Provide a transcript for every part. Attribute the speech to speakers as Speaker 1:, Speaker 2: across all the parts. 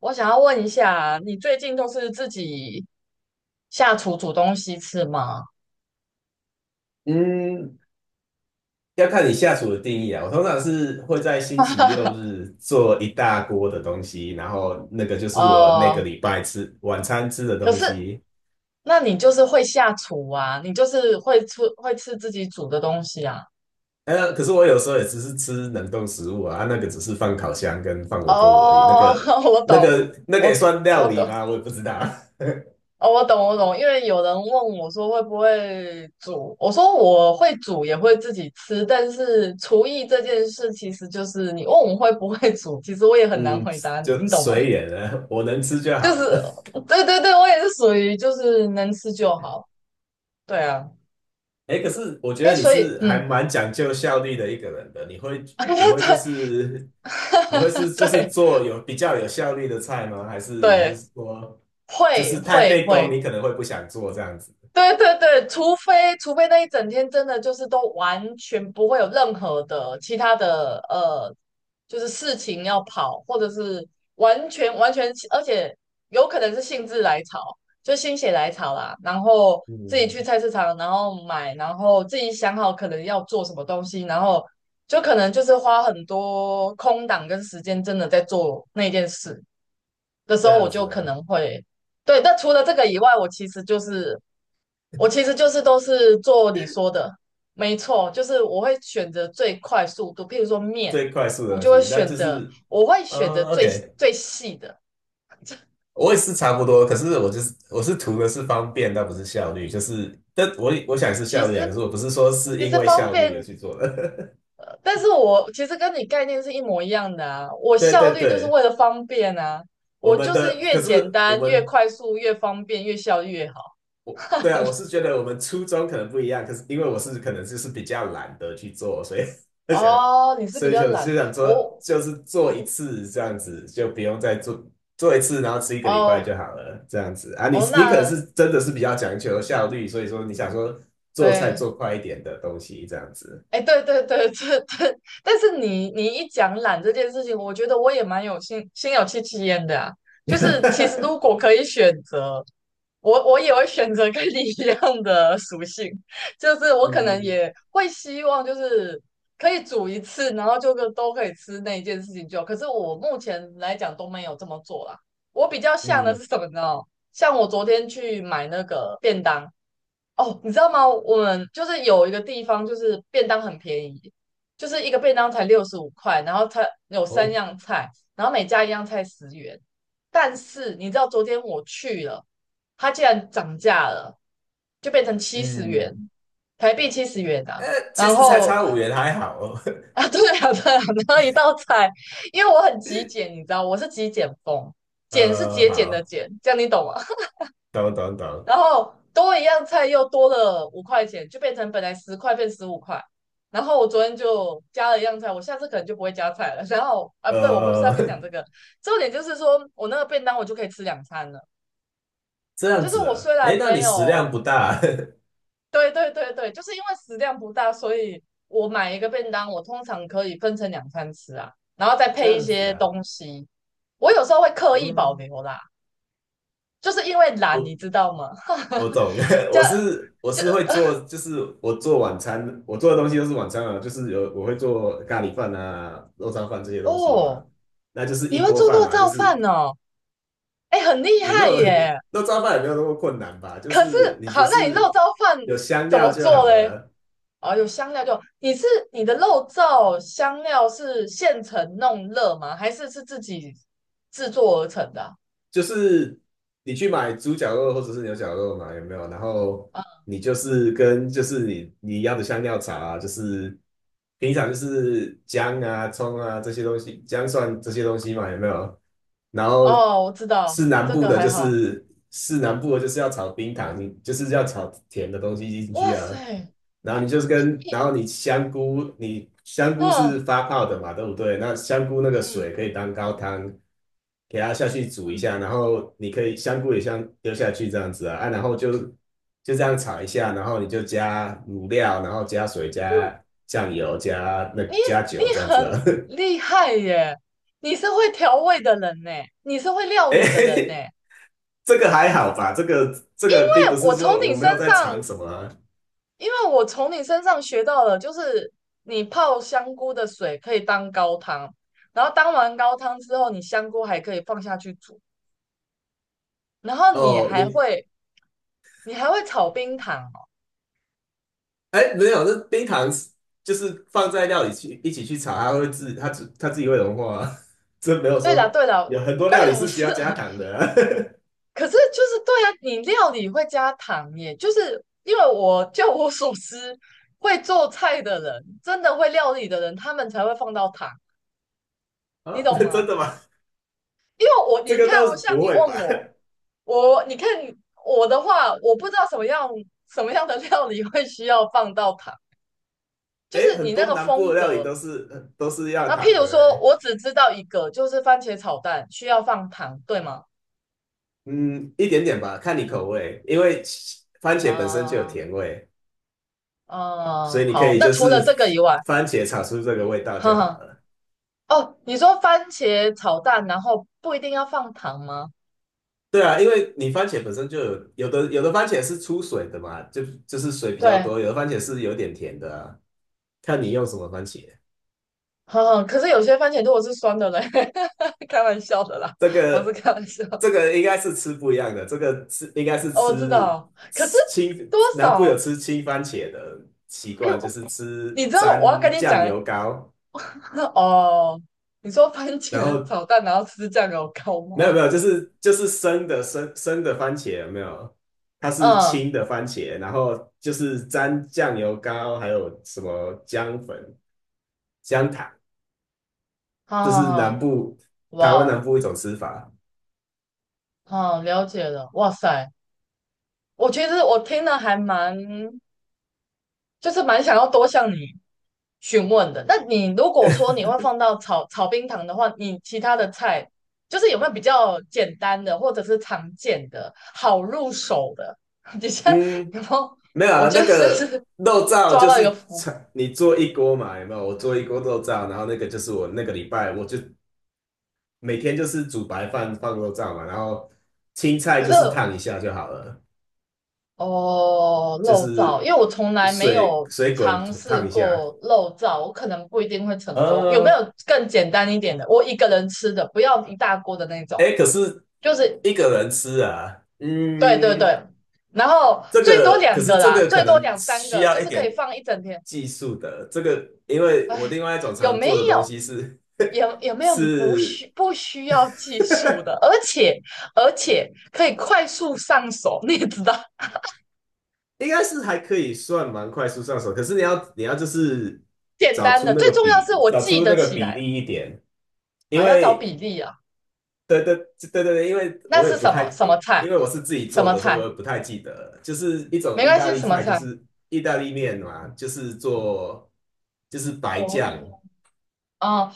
Speaker 1: 我想要问一下，你最近都是自己下厨煮东西吃吗？
Speaker 2: 嗯，要看你下厨的定义啊。我通常是会在星期六日做一大锅的东西，然后那个就是我那个
Speaker 1: 呃，
Speaker 2: 礼拜吃晚餐吃的
Speaker 1: 可
Speaker 2: 东
Speaker 1: 是
Speaker 2: 西。
Speaker 1: 那你就是会下厨啊，你就是会吃自己煮的东西啊。
Speaker 2: 可是我有时候也只是吃冷冻食物啊，啊那个只是放烤箱跟放微波炉而已。那
Speaker 1: 哦，
Speaker 2: 个、
Speaker 1: 我
Speaker 2: 那
Speaker 1: 懂，
Speaker 2: 个、那个也
Speaker 1: 我
Speaker 2: 算料
Speaker 1: 我
Speaker 2: 理
Speaker 1: 懂，
Speaker 2: 吗？我也不知道。
Speaker 1: 哦，我懂我懂，因为有人问我说会不会煮，我说我会煮，也会自己吃，但是厨艺这件事其实就是你问我会不会煮，其实我也很难
Speaker 2: 嗯，
Speaker 1: 回答你，
Speaker 2: 就
Speaker 1: 你懂吗？
Speaker 2: 随缘了，我能吃就
Speaker 1: 就
Speaker 2: 好
Speaker 1: 是，
Speaker 2: 了。
Speaker 1: 对对对，我也是属于就是能吃就好。对啊，
Speaker 2: 哎，可是我觉
Speaker 1: 哎，
Speaker 2: 得你
Speaker 1: 所以
Speaker 2: 是还蛮讲究效率的一个人的，你会就
Speaker 1: 对
Speaker 2: 是你会是就是
Speaker 1: 对
Speaker 2: 做有比较有效率的菜吗？还是你是
Speaker 1: 对，
Speaker 2: 说就
Speaker 1: 会
Speaker 2: 是太
Speaker 1: 会
Speaker 2: 费工，
Speaker 1: 会，
Speaker 2: 你可能会不想做这样子？
Speaker 1: 对对对，除非那一整天真的就是都完全不会有任何的其他的就是事情要跑，或者是完全完全，而且有可能是兴致来潮，就心血来潮啦，然后自己去
Speaker 2: 嗯，
Speaker 1: 菜市场，然后买，然后自己想好可能要做什么东西，然后就可能就是花很多空档跟时间，真的在做那件事的时
Speaker 2: 这
Speaker 1: 候，我
Speaker 2: 样
Speaker 1: 就
Speaker 2: 子
Speaker 1: 可
Speaker 2: 啊，
Speaker 1: 能会。对，那除了这个以外，我其实就是都是做你说的，没错，就是我会选择最快速度，譬如说面，
Speaker 2: 最快速的东西，那就是
Speaker 1: 我会选择
Speaker 2: OK，
Speaker 1: 最细的。
Speaker 2: 我也是差不多，可是我是图的是方便，但不是效率，就是但我想是
Speaker 1: 其
Speaker 2: 效率啊，可是
Speaker 1: 实
Speaker 2: 我不是说是
Speaker 1: 其
Speaker 2: 因
Speaker 1: 实
Speaker 2: 为
Speaker 1: 方
Speaker 2: 效率而
Speaker 1: 便，
Speaker 2: 去做的。
Speaker 1: 但是我其实跟你概念是一模一样的啊。我
Speaker 2: 对
Speaker 1: 效
Speaker 2: 对
Speaker 1: 率就是
Speaker 2: 对，
Speaker 1: 为了方便啊，
Speaker 2: 我
Speaker 1: 我
Speaker 2: 们
Speaker 1: 就是
Speaker 2: 的
Speaker 1: 越
Speaker 2: 可
Speaker 1: 简
Speaker 2: 是我
Speaker 1: 单、越
Speaker 2: 们
Speaker 1: 快速、越方便、越效率越好。
Speaker 2: 我对啊，我是觉得我们初衷可能不一样，可是因为我是可能就是比较懒得去做，所以 想，
Speaker 1: 哦，你是
Speaker 2: 所
Speaker 1: 比
Speaker 2: 以
Speaker 1: 较
Speaker 2: 想就
Speaker 1: 懒，
Speaker 2: 想做，
Speaker 1: 我
Speaker 2: 就是做
Speaker 1: 你
Speaker 2: 一次这样子，就不用再做一次，然后吃一个礼拜
Speaker 1: 哦
Speaker 2: 就好了，这样子啊。你
Speaker 1: 哦，
Speaker 2: 你可能
Speaker 1: 那
Speaker 2: 是真的是比较讲求效率，所以说你想说做菜
Speaker 1: 对
Speaker 2: 做快一点的东西这样子。
Speaker 1: 哎，对对对这，但是你一讲懒这件事情，我觉得我也蛮有心心有戚戚焉的啊。就是其实如果 可以选择，我也会选择跟你一样的属性，就是我可能
Speaker 2: 嗯
Speaker 1: 也会希望就是可以煮一次，然后就个都可以吃那一件事情就好可是我目前来讲都没有这么做啦。我比较像的
Speaker 2: 嗯
Speaker 1: 是什么呢？像我昨天去买那个便当。哦，你知道吗？我们就是有一个地方，就是便当很便宜，就是一个便当才65块，然后它有三
Speaker 2: 哦
Speaker 1: 样菜，然后每加一样菜十元。但是你知道昨天我去了，它竟然涨价了，就变成七十元，
Speaker 2: 嗯，
Speaker 1: 台币七十元
Speaker 2: 呃，
Speaker 1: 啊。
Speaker 2: 其
Speaker 1: 然
Speaker 2: 实才
Speaker 1: 后
Speaker 2: 差5元还好哦。
Speaker 1: 啊，对啊，对啊，然后一道菜，因为我很极简，你知道，我是极简风，简是节俭的
Speaker 2: 好，
Speaker 1: 简，这样你懂吗？
Speaker 2: 懂懂懂，
Speaker 1: 然后多一样菜又多了5块钱，就变成本来10块变十五块。然后我昨天就加了一样菜，我下次可能就不会加菜了。然后啊，不对，我不是要
Speaker 2: 呃。
Speaker 1: 跟你讲这 个，重点就是说我那个便当我就可以吃两餐了。
Speaker 2: 这样
Speaker 1: 就是
Speaker 2: 子
Speaker 1: 我
Speaker 2: 啊，
Speaker 1: 虽
Speaker 2: 诶，
Speaker 1: 然
Speaker 2: 那
Speaker 1: 没
Speaker 2: 你食
Speaker 1: 有，
Speaker 2: 量不大啊，
Speaker 1: 对对对对，就是因为食量不大，所以我买一个便当，我通常可以分成两餐吃啊，然后再
Speaker 2: 这
Speaker 1: 配一
Speaker 2: 样子
Speaker 1: 些
Speaker 2: 啊，
Speaker 1: 东西。我有时候会刻意保
Speaker 2: 嗯，
Speaker 1: 留啦，就是因为懒，你
Speaker 2: 我
Speaker 1: 知道吗？
Speaker 2: 我懂，
Speaker 1: 这
Speaker 2: 我是我
Speaker 1: 这
Speaker 2: 是会做，就是我做晚餐，我做的东西都是晚餐啊，就是有我会做咖喱饭啊、肉燥饭这些东西嘛，
Speaker 1: 哦。
Speaker 2: 那就 是
Speaker 1: 你
Speaker 2: 一
Speaker 1: 会
Speaker 2: 锅
Speaker 1: 做
Speaker 2: 饭
Speaker 1: 肉
Speaker 2: 嘛，就
Speaker 1: 燥
Speaker 2: 是
Speaker 1: 饭哦？哎，很厉
Speaker 2: 也没
Speaker 1: 害
Speaker 2: 有
Speaker 1: 耶！
Speaker 2: 肉燥饭也没有那么困难吧，就
Speaker 1: 可是
Speaker 2: 是你
Speaker 1: 好，
Speaker 2: 就
Speaker 1: 那你肉
Speaker 2: 是
Speaker 1: 燥饭
Speaker 2: 有香
Speaker 1: 怎
Speaker 2: 料
Speaker 1: 么
Speaker 2: 就
Speaker 1: 做
Speaker 2: 好
Speaker 1: 嘞？
Speaker 2: 了，
Speaker 1: 哦，有香料就你的肉燥香料是现成弄热吗？还是是自己制作而成的啊？
Speaker 2: 就是你去买猪脚肉或者是牛脚肉嘛，有没有？然后
Speaker 1: 啊
Speaker 2: 你就是跟就是你你要的香料茶啊，就是平常就是姜啊、葱啊这些东西，姜蒜这些东西嘛，有没有？然后
Speaker 1: 哦，我知道，
Speaker 2: 是南
Speaker 1: 这
Speaker 2: 部
Speaker 1: 个
Speaker 2: 的，
Speaker 1: 还好。
Speaker 2: 就是要炒冰糖，你就是要炒甜的东西进去
Speaker 1: 哇
Speaker 2: 啊。
Speaker 1: 塞，
Speaker 2: 然后你就是跟，
Speaker 1: 你
Speaker 2: 然后你香菇，你香菇是
Speaker 1: 嗯
Speaker 2: 发泡的嘛，对不对？那香菇那个
Speaker 1: 嗯
Speaker 2: 水可以当高汤，给它下去煮一
Speaker 1: 嗯，
Speaker 2: 下，然后你可以香菇也像丢下去这样子啊，啊，然后就这样炒一下，然后你就加卤料，然后加水、
Speaker 1: 哟
Speaker 2: 加酱油、
Speaker 1: 你
Speaker 2: 加酒这样子
Speaker 1: 很
Speaker 2: 啊。
Speaker 1: 厉害耶！你是会调味的人呢，你是会料理的人呢。
Speaker 2: 哎，
Speaker 1: 哎
Speaker 2: 这个还好吧？这个并不是
Speaker 1: 我从
Speaker 2: 说
Speaker 1: 你
Speaker 2: 我没
Speaker 1: 身
Speaker 2: 有在
Speaker 1: 上
Speaker 2: 尝什么啊
Speaker 1: 因为我从你身上学到了，就是你泡香菇的水可以当高汤，然后当完高汤之后，你香菇还可以放下去煮，然后你
Speaker 2: 哦，
Speaker 1: 还会你还会炒冰糖哦。
Speaker 2: 哎没有，这冰糖是就是放在料理去一起去炒，它会自己会融化啊，这没有
Speaker 1: 对了
Speaker 2: 说
Speaker 1: 对了
Speaker 2: 有很多料
Speaker 1: 对
Speaker 2: 理
Speaker 1: 了，我
Speaker 2: 是需
Speaker 1: 知
Speaker 2: 要
Speaker 1: 道。
Speaker 2: 加 糖的啊，
Speaker 1: 可是就是对啊，你料理会加糖耶，就是因为我就我所知，会做菜的人，真的会料理的人，他们才会放到糖，你
Speaker 2: 啊
Speaker 1: 懂
Speaker 2: 真
Speaker 1: 吗？
Speaker 2: 的吗？
Speaker 1: 因为我
Speaker 2: 这
Speaker 1: 你
Speaker 2: 个
Speaker 1: 看
Speaker 2: 倒
Speaker 1: 哦，
Speaker 2: 是
Speaker 1: 像
Speaker 2: 不
Speaker 1: 你问
Speaker 2: 会吧？
Speaker 1: 我。我你看我的话，我不知道什么样的料理会需要放到糖，就
Speaker 2: 哎，
Speaker 1: 是
Speaker 2: 很
Speaker 1: 你那
Speaker 2: 多
Speaker 1: 个
Speaker 2: 南部
Speaker 1: 风
Speaker 2: 的料理
Speaker 1: 格。
Speaker 2: 都是要
Speaker 1: 那譬
Speaker 2: 糖
Speaker 1: 如
Speaker 2: 的
Speaker 1: 说，
Speaker 2: 哎。
Speaker 1: 我只知道一个，就是番茄炒蛋需要放糖，对吗？
Speaker 2: 嗯，一点点吧，看你口味，因为番茄本身就有
Speaker 1: 啊、
Speaker 2: 甜味，所
Speaker 1: 啊、
Speaker 2: 以你可
Speaker 1: 好，
Speaker 2: 以
Speaker 1: 那
Speaker 2: 就
Speaker 1: 除了
Speaker 2: 是
Speaker 1: 这个以外，
Speaker 2: 番茄炒出这个味道
Speaker 1: 哈
Speaker 2: 就好
Speaker 1: 哈，
Speaker 2: 了。
Speaker 1: 哦，你说番茄炒蛋，然后不一定要放糖吗？
Speaker 2: 对啊，因为你番茄本身有的番茄是出水的嘛，就是水比较
Speaker 1: 对，
Speaker 2: 多，有的番茄是有点甜的啊，看你用什么番茄。
Speaker 1: 哈哈，可是有些番茄如果是酸的嘞，开玩笑的啦，
Speaker 2: 这
Speaker 1: 我是
Speaker 2: 个
Speaker 1: 开玩笑，
Speaker 2: 这个应该是吃不一样的，这个吃应该是
Speaker 1: 哦，我知
Speaker 2: 吃
Speaker 1: 道，可是
Speaker 2: 吃青，
Speaker 1: 多
Speaker 2: 南部有
Speaker 1: 少？
Speaker 2: 吃青番茄的习
Speaker 1: 哎，
Speaker 2: 惯，就
Speaker 1: 呦。
Speaker 2: 是
Speaker 1: 你
Speaker 2: 吃
Speaker 1: 知道我要跟
Speaker 2: 沾
Speaker 1: 你
Speaker 2: 酱
Speaker 1: 讲，
Speaker 2: 油膏，
Speaker 1: 那哦，你说番
Speaker 2: 然
Speaker 1: 茄
Speaker 2: 后
Speaker 1: 炒蛋然后吃酱油膏
Speaker 2: 没有
Speaker 1: 吗？
Speaker 2: 没有，就是生的番茄有没有？它是
Speaker 1: 嗯，
Speaker 2: 青的番茄，然后就是沾酱油膏，还有什么姜粉、姜糖，
Speaker 1: 好
Speaker 2: 就
Speaker 1: 好
Speaker 2: 是
Speaker 1: 好，哇
Speaker 2: 台湾南
Speaker 1: 哦，
Speaker 2: 部一种吃法。
Speaker 1: 好了解了，哇塞，我其实我听了还蛮，就是蛮想要多向你询问的。那你如果说你会放到炒冰糖的话，你其他的菜就是有没有比较简单的，或者是常见的、好入手的？你像
Speaker 2: 嗯，
Speaker 1: 有没有？
Speaker 2: 没有
Speaker 1: 我
Speaker 2: 啊，
Speaker 1: 觉
Speaker 2: 那
Speaker 1: 得就
Speaker 2: 个
Speaker 1: 是
Speaker 2: 肉燥
Speaker 1: 抓
Speaker 2: 就
Speaker 1: 到一个
Speaker 2: 是
Speaker 1: 福，
Speaker 2: 炒你做一锅嘛，有没有？我做一锅肉燥，然后那个就是我那个礼拜我就每天就是煮白饭放肉燥嘛，然后青菜
Speaker 1: 可
Speaker 2: 就
Speaker 1: 是
Speaker 2: 是烫一下就好了，
Speaker 1: 哦，
Speaker 2: 就
Speaker 1: 漏照，
Speaker 2: 是
Speaker 1: 因为我从来没
Speaker 2: 水
Speaker 1: 有
Speaker 2: 水滚
Speaker 1: 尝试
Speaker 2: 烫一下。
Speaker 1: 过漏照，我可能不一定会成功。有没
Speaker 2: 呃，
Speaker 1: 有更简单一点的？我一个人吃的，不要一大锅的那种，
Speaker 2: 哎，可是
Speaker 1: 就是
Speaker 2: 一个人吃啊，
Speaker 1: 对对对，
Speaker 2: 嗯。
Speaker 1: 然后最多
Speaker 2: 可
Speaker 1: 两
Speaker 2: 是
Speaker 1: 个
Speaker 2: 这
Speaker 1: 啦，
Speaker 2: 个可
Speaker 1: 最多
Speaker 2: 能
Speaker 1: 两三
Speaker 2: 需
Speaker 1: 个，
Speaker 2: 要
Speaker 1: 就
Speaker 2: 一
Speaker 1: 是可以
Speaker 2: 点
Speaker 1: 放一整天。
Speaker 2: 技术的，这个因为我
Speaker 1: 哎，
Speaker 2: 另外一种
Speaker 1: 有
Speaker 2: 常
Speaker 1: 没
Speaker 2: 做的东
Speaker 1: 有？
Speaker 2: 西是
Speaker 1: 有有 没有
Speaker 2: 是
Speaker 1: 不需要技术的，而且可以快速上手？你也知道，
Speaker 2: 应该是还可以算蛮快速上手，可是你要就是
Speaker 1: 简单的，最重要是我
Speaker 2: 找
Speaker 1: 记
Speaker 2: 出
Speaker 1: 得
Speaker 2: 那个
Speaker 1: 起
Speaker 2: 比
Speaker 1: 来，
Speaker 2: 例一点，因
Speaker 1: 还要找比
Speaker 2: 为
Speaker 1: 例啊。
Speaker 2: 对对对对对，因为
Speaker 1: 那
Speaker 2: 我也
Speaker 1: 是
Speaker 2: 不太
Speaker 1: 什么菜？
Speaker 2: 因为我是自己
Speaker 1: 什
Speaker 2: 做
Speaker 1: 么
Speaker 2: 的，所以我
Speaker 1: 菜？
Speaker 2: 也不太记得就是一
Speaker 1: 没
Speaker 2: 种意
Speaker 1: 关
Speaker 2: 大
Speaker 1: 系，
Speaker 2: 利
Speaker 1: 什么
Speaker 2: 菜，就
Speaker 1: 菜？
Speaker 2: 是意大利面嘛，就是做白
Speaker 1: 哦，一点
Speaker 2: 酱。
Speaker 1: 哦，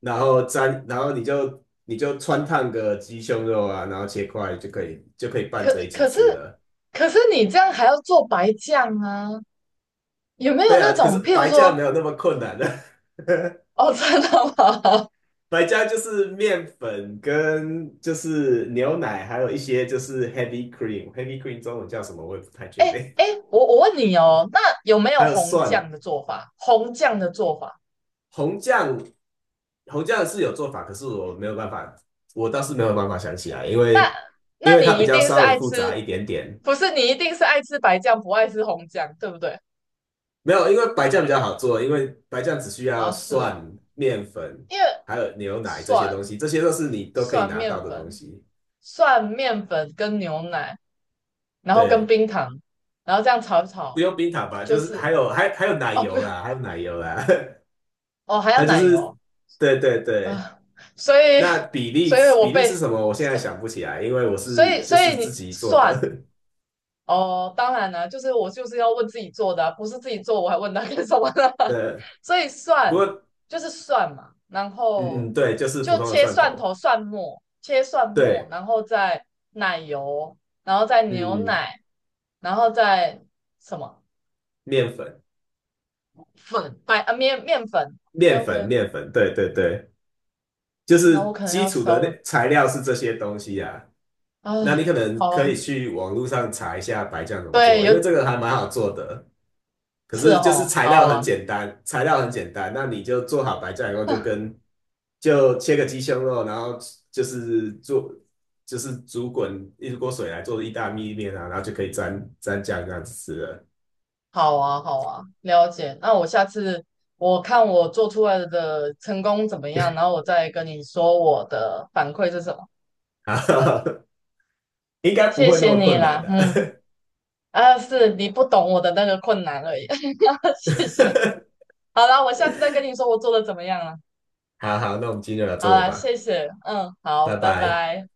Speaker 2: 然后沾，然后你就穿烫个鸡胸肉啊，然后切块就可以拌着
Speaker 1: 可
Speaker 2: 一起
Speaker 1: 可是
Speaker 2: 吃了。
Speaker 1: 可是你这样还要做白酱啊？有没有
Speaker 2: 对
Speaker 1: 那
Speaker 2: 啊，可是
Speaker 1: 种，譬如
Speaker 2: 白酱
Speaker 1: 说，
Speaker 2: 没有那么困难的，
Speaker 1: 哦，真的吗？
Speaker 2: 白酱就是面粉跟就是牛奶，还有一些就是 heavy cream，heavy cream 中文叫什么我也不太 确
Speaker 1: 哎
Speaker 2: 定，
Speaker 1: 哎，我问你哦，那有没有
Speaker 2: 还有
Speaker 1: 红
Speaker 2: 蒜，
Speaker 1: 酱的做法？红酱的做法，
Speaker 2: 红酱红酱是有做法，可是我没有办法，我倒是没有办法想起来，因
Speaker 1: 那
Speaker 2: 为
Speaker 1: 那
Speaker 2: 它
Speaker 1: 你
Speaker 2: 比
Speaker 1: 一
Speaker 2: 较
Speaker 1: 定是
Speaker 2: 稍微
Speaker 1: 爱
Speaker 2: 复
Speaker 1: 吃，
Speaker 2: 杂一点点。
Speaker 1: 不是你一定是爱吃白酱，不爱吃红酱，对不对？
Speaker 2: 没有，因为白酱比较好做，因为白酱只需要
Speaker 1: 啊，是
Speaker 2: 蒜、
Speaker 1: 哦，
Speaker 2: 面粉，
Speaker 1: 因为
Speaker 2: 还有牛奶这些东
Speaker 1: 蒜
Speaker 2: 西，这些都是你都可以
Speaker 1: 蒜
Speaker 2: 拿到
Speaker 1: 面
Speaker 2: 的东
Speaker 1: 粉、
Speaker 2: 西。
Speaker 1: 蒜面粉跟牛奶，然后跟
Speaker 2: 对，
Speaker 1: 冰糖，然后这样炒一
Speaker 2: 不
Speaker 1: 炒，
Speaker 2: 用冰糖吧，就
Speaker 1: 就
Speaker 2: 是
Speaker 1: 是
Speaker 2: 还有奶
Speaker 1: 哦，不
Speaker 2: 油
Speaker 1: 用
Speaker 2: 啦，还有奶油啦，
Speaker 1: 哦，还 要
Speaker 2: 它就
Speaker 1: 奶
Speaker 2: 是
Speaker 1: 油
Speaker 2: 对对对。
Speaker 1: 啊，所以
Speaker 2: 那
Speaker 1: 所以我
Speaker 2: 比例
Speaker 1: 被，
Speaker 2: 是什么？我现在
Speaker 1: 呃
Speaker 2: 想不起来，因为我是就
Speaker 1: 所
Speaker 2: 是
Speaker 1: 以
Speaker 2: 自
Speaker 1: 你
Speaker 2: 己做
Speaker 1: 蒜
Speaker 2: 的。
Speaker 1: 哦，当然了、就是我就是要问自己做的啊不是自己做我还问他干什么呢？
Speaker 2: 对，
Speaker 1: 所以
Speaker 2: 不
Speaker 1: 蒜
Speaker 2: 过
Speaker 1: 就是蒜嘛，然
Speaker 2: 嗯
Speaker 1: 后
Speaker 2: 嗯，对，就是普
Speaker 1: 就
Speaker 2: 通的
Speaker 1: 切
Speaker 2: 蒜
Speaker 1: 蒜
Speaker 2: 头。
Speaker 1: 头、蒜末，切蒜末，
Speaker 2: 对，
Speaker 1: 然后再奶油，然后再
Speaker 2: 嗯
Speaker 1: 牛
Speaker 2: 嗯，
Speaker 1: 奶，然后再什么？
Speaker 2: 面粉
Speaker 1: 粉白呃面面粉，OK OK，
Speaker 2: 面粉，对对对。就
Speaker 1: 那我
Speaker 2: 是
Speaker 1: 可能
Speaker 2: 基
Speaker 1: 要
Speaker 2: 础
Speaker 1: 稍
Speaker 2: 的
Speaker 1: 微
Speaker 2: 那材料是这些东西啊。
Speaker 1: 啊，
Speaker 2: 那你可能
Speaker 1: 好
Speaker 2: 可以
Speaker 1: 啊
Speaker 2: 去网络上查一下白酱怎么
Speaker 1: 对，
Speaker 2: 做，因为
Speaker 1: 有
Speaker 2: 这个还蛮好做的。可
Speaker 1: 是
Speaker 2: 是就是
Speaker 1: 哦，
Speaker 2: 材
Speaker 1: 好
Speaker 2: 料很
Speaker 1: 啊，
Speaker 2: 简单，材料很简单，那你就做好白酱以后，就切个鸡胸肉，然后就是做就是煮滚一锅水来做意大利面啊，然后就可以沾酱这样子吃了。
Speaker 1: 好啊，好啊，了解。那我下次我看我做出来的成功怎么样，然后我再跟你说我的反馈是什么。
Speaker 2: 好，应该不
Speaker 1: 谢
Speaker 2: 会那
Speaker 1: 谢
Speaker 2: 么
Speaker 1: 你
Speaker 2: 困难
Speaker 1: 啦，嗯，
Speaker 2: 的、
Speaker 1: 啊，是你不懂我的那个困难而已，谢谢。好啦，我下次再跟你说我做的怎么样了。
Speaker 2: 好好，那我们今天就聊
Speaker 1: 好
Speaker 2: 做这里
Speaker 1: 啦，
Speaker 2: 吧，
Speaker 1: 谢谢，嗯，好，
Speaker 2: 拜
Speaker 1: 拜
Speaker 2: 拜。
Speaker 1: 拜。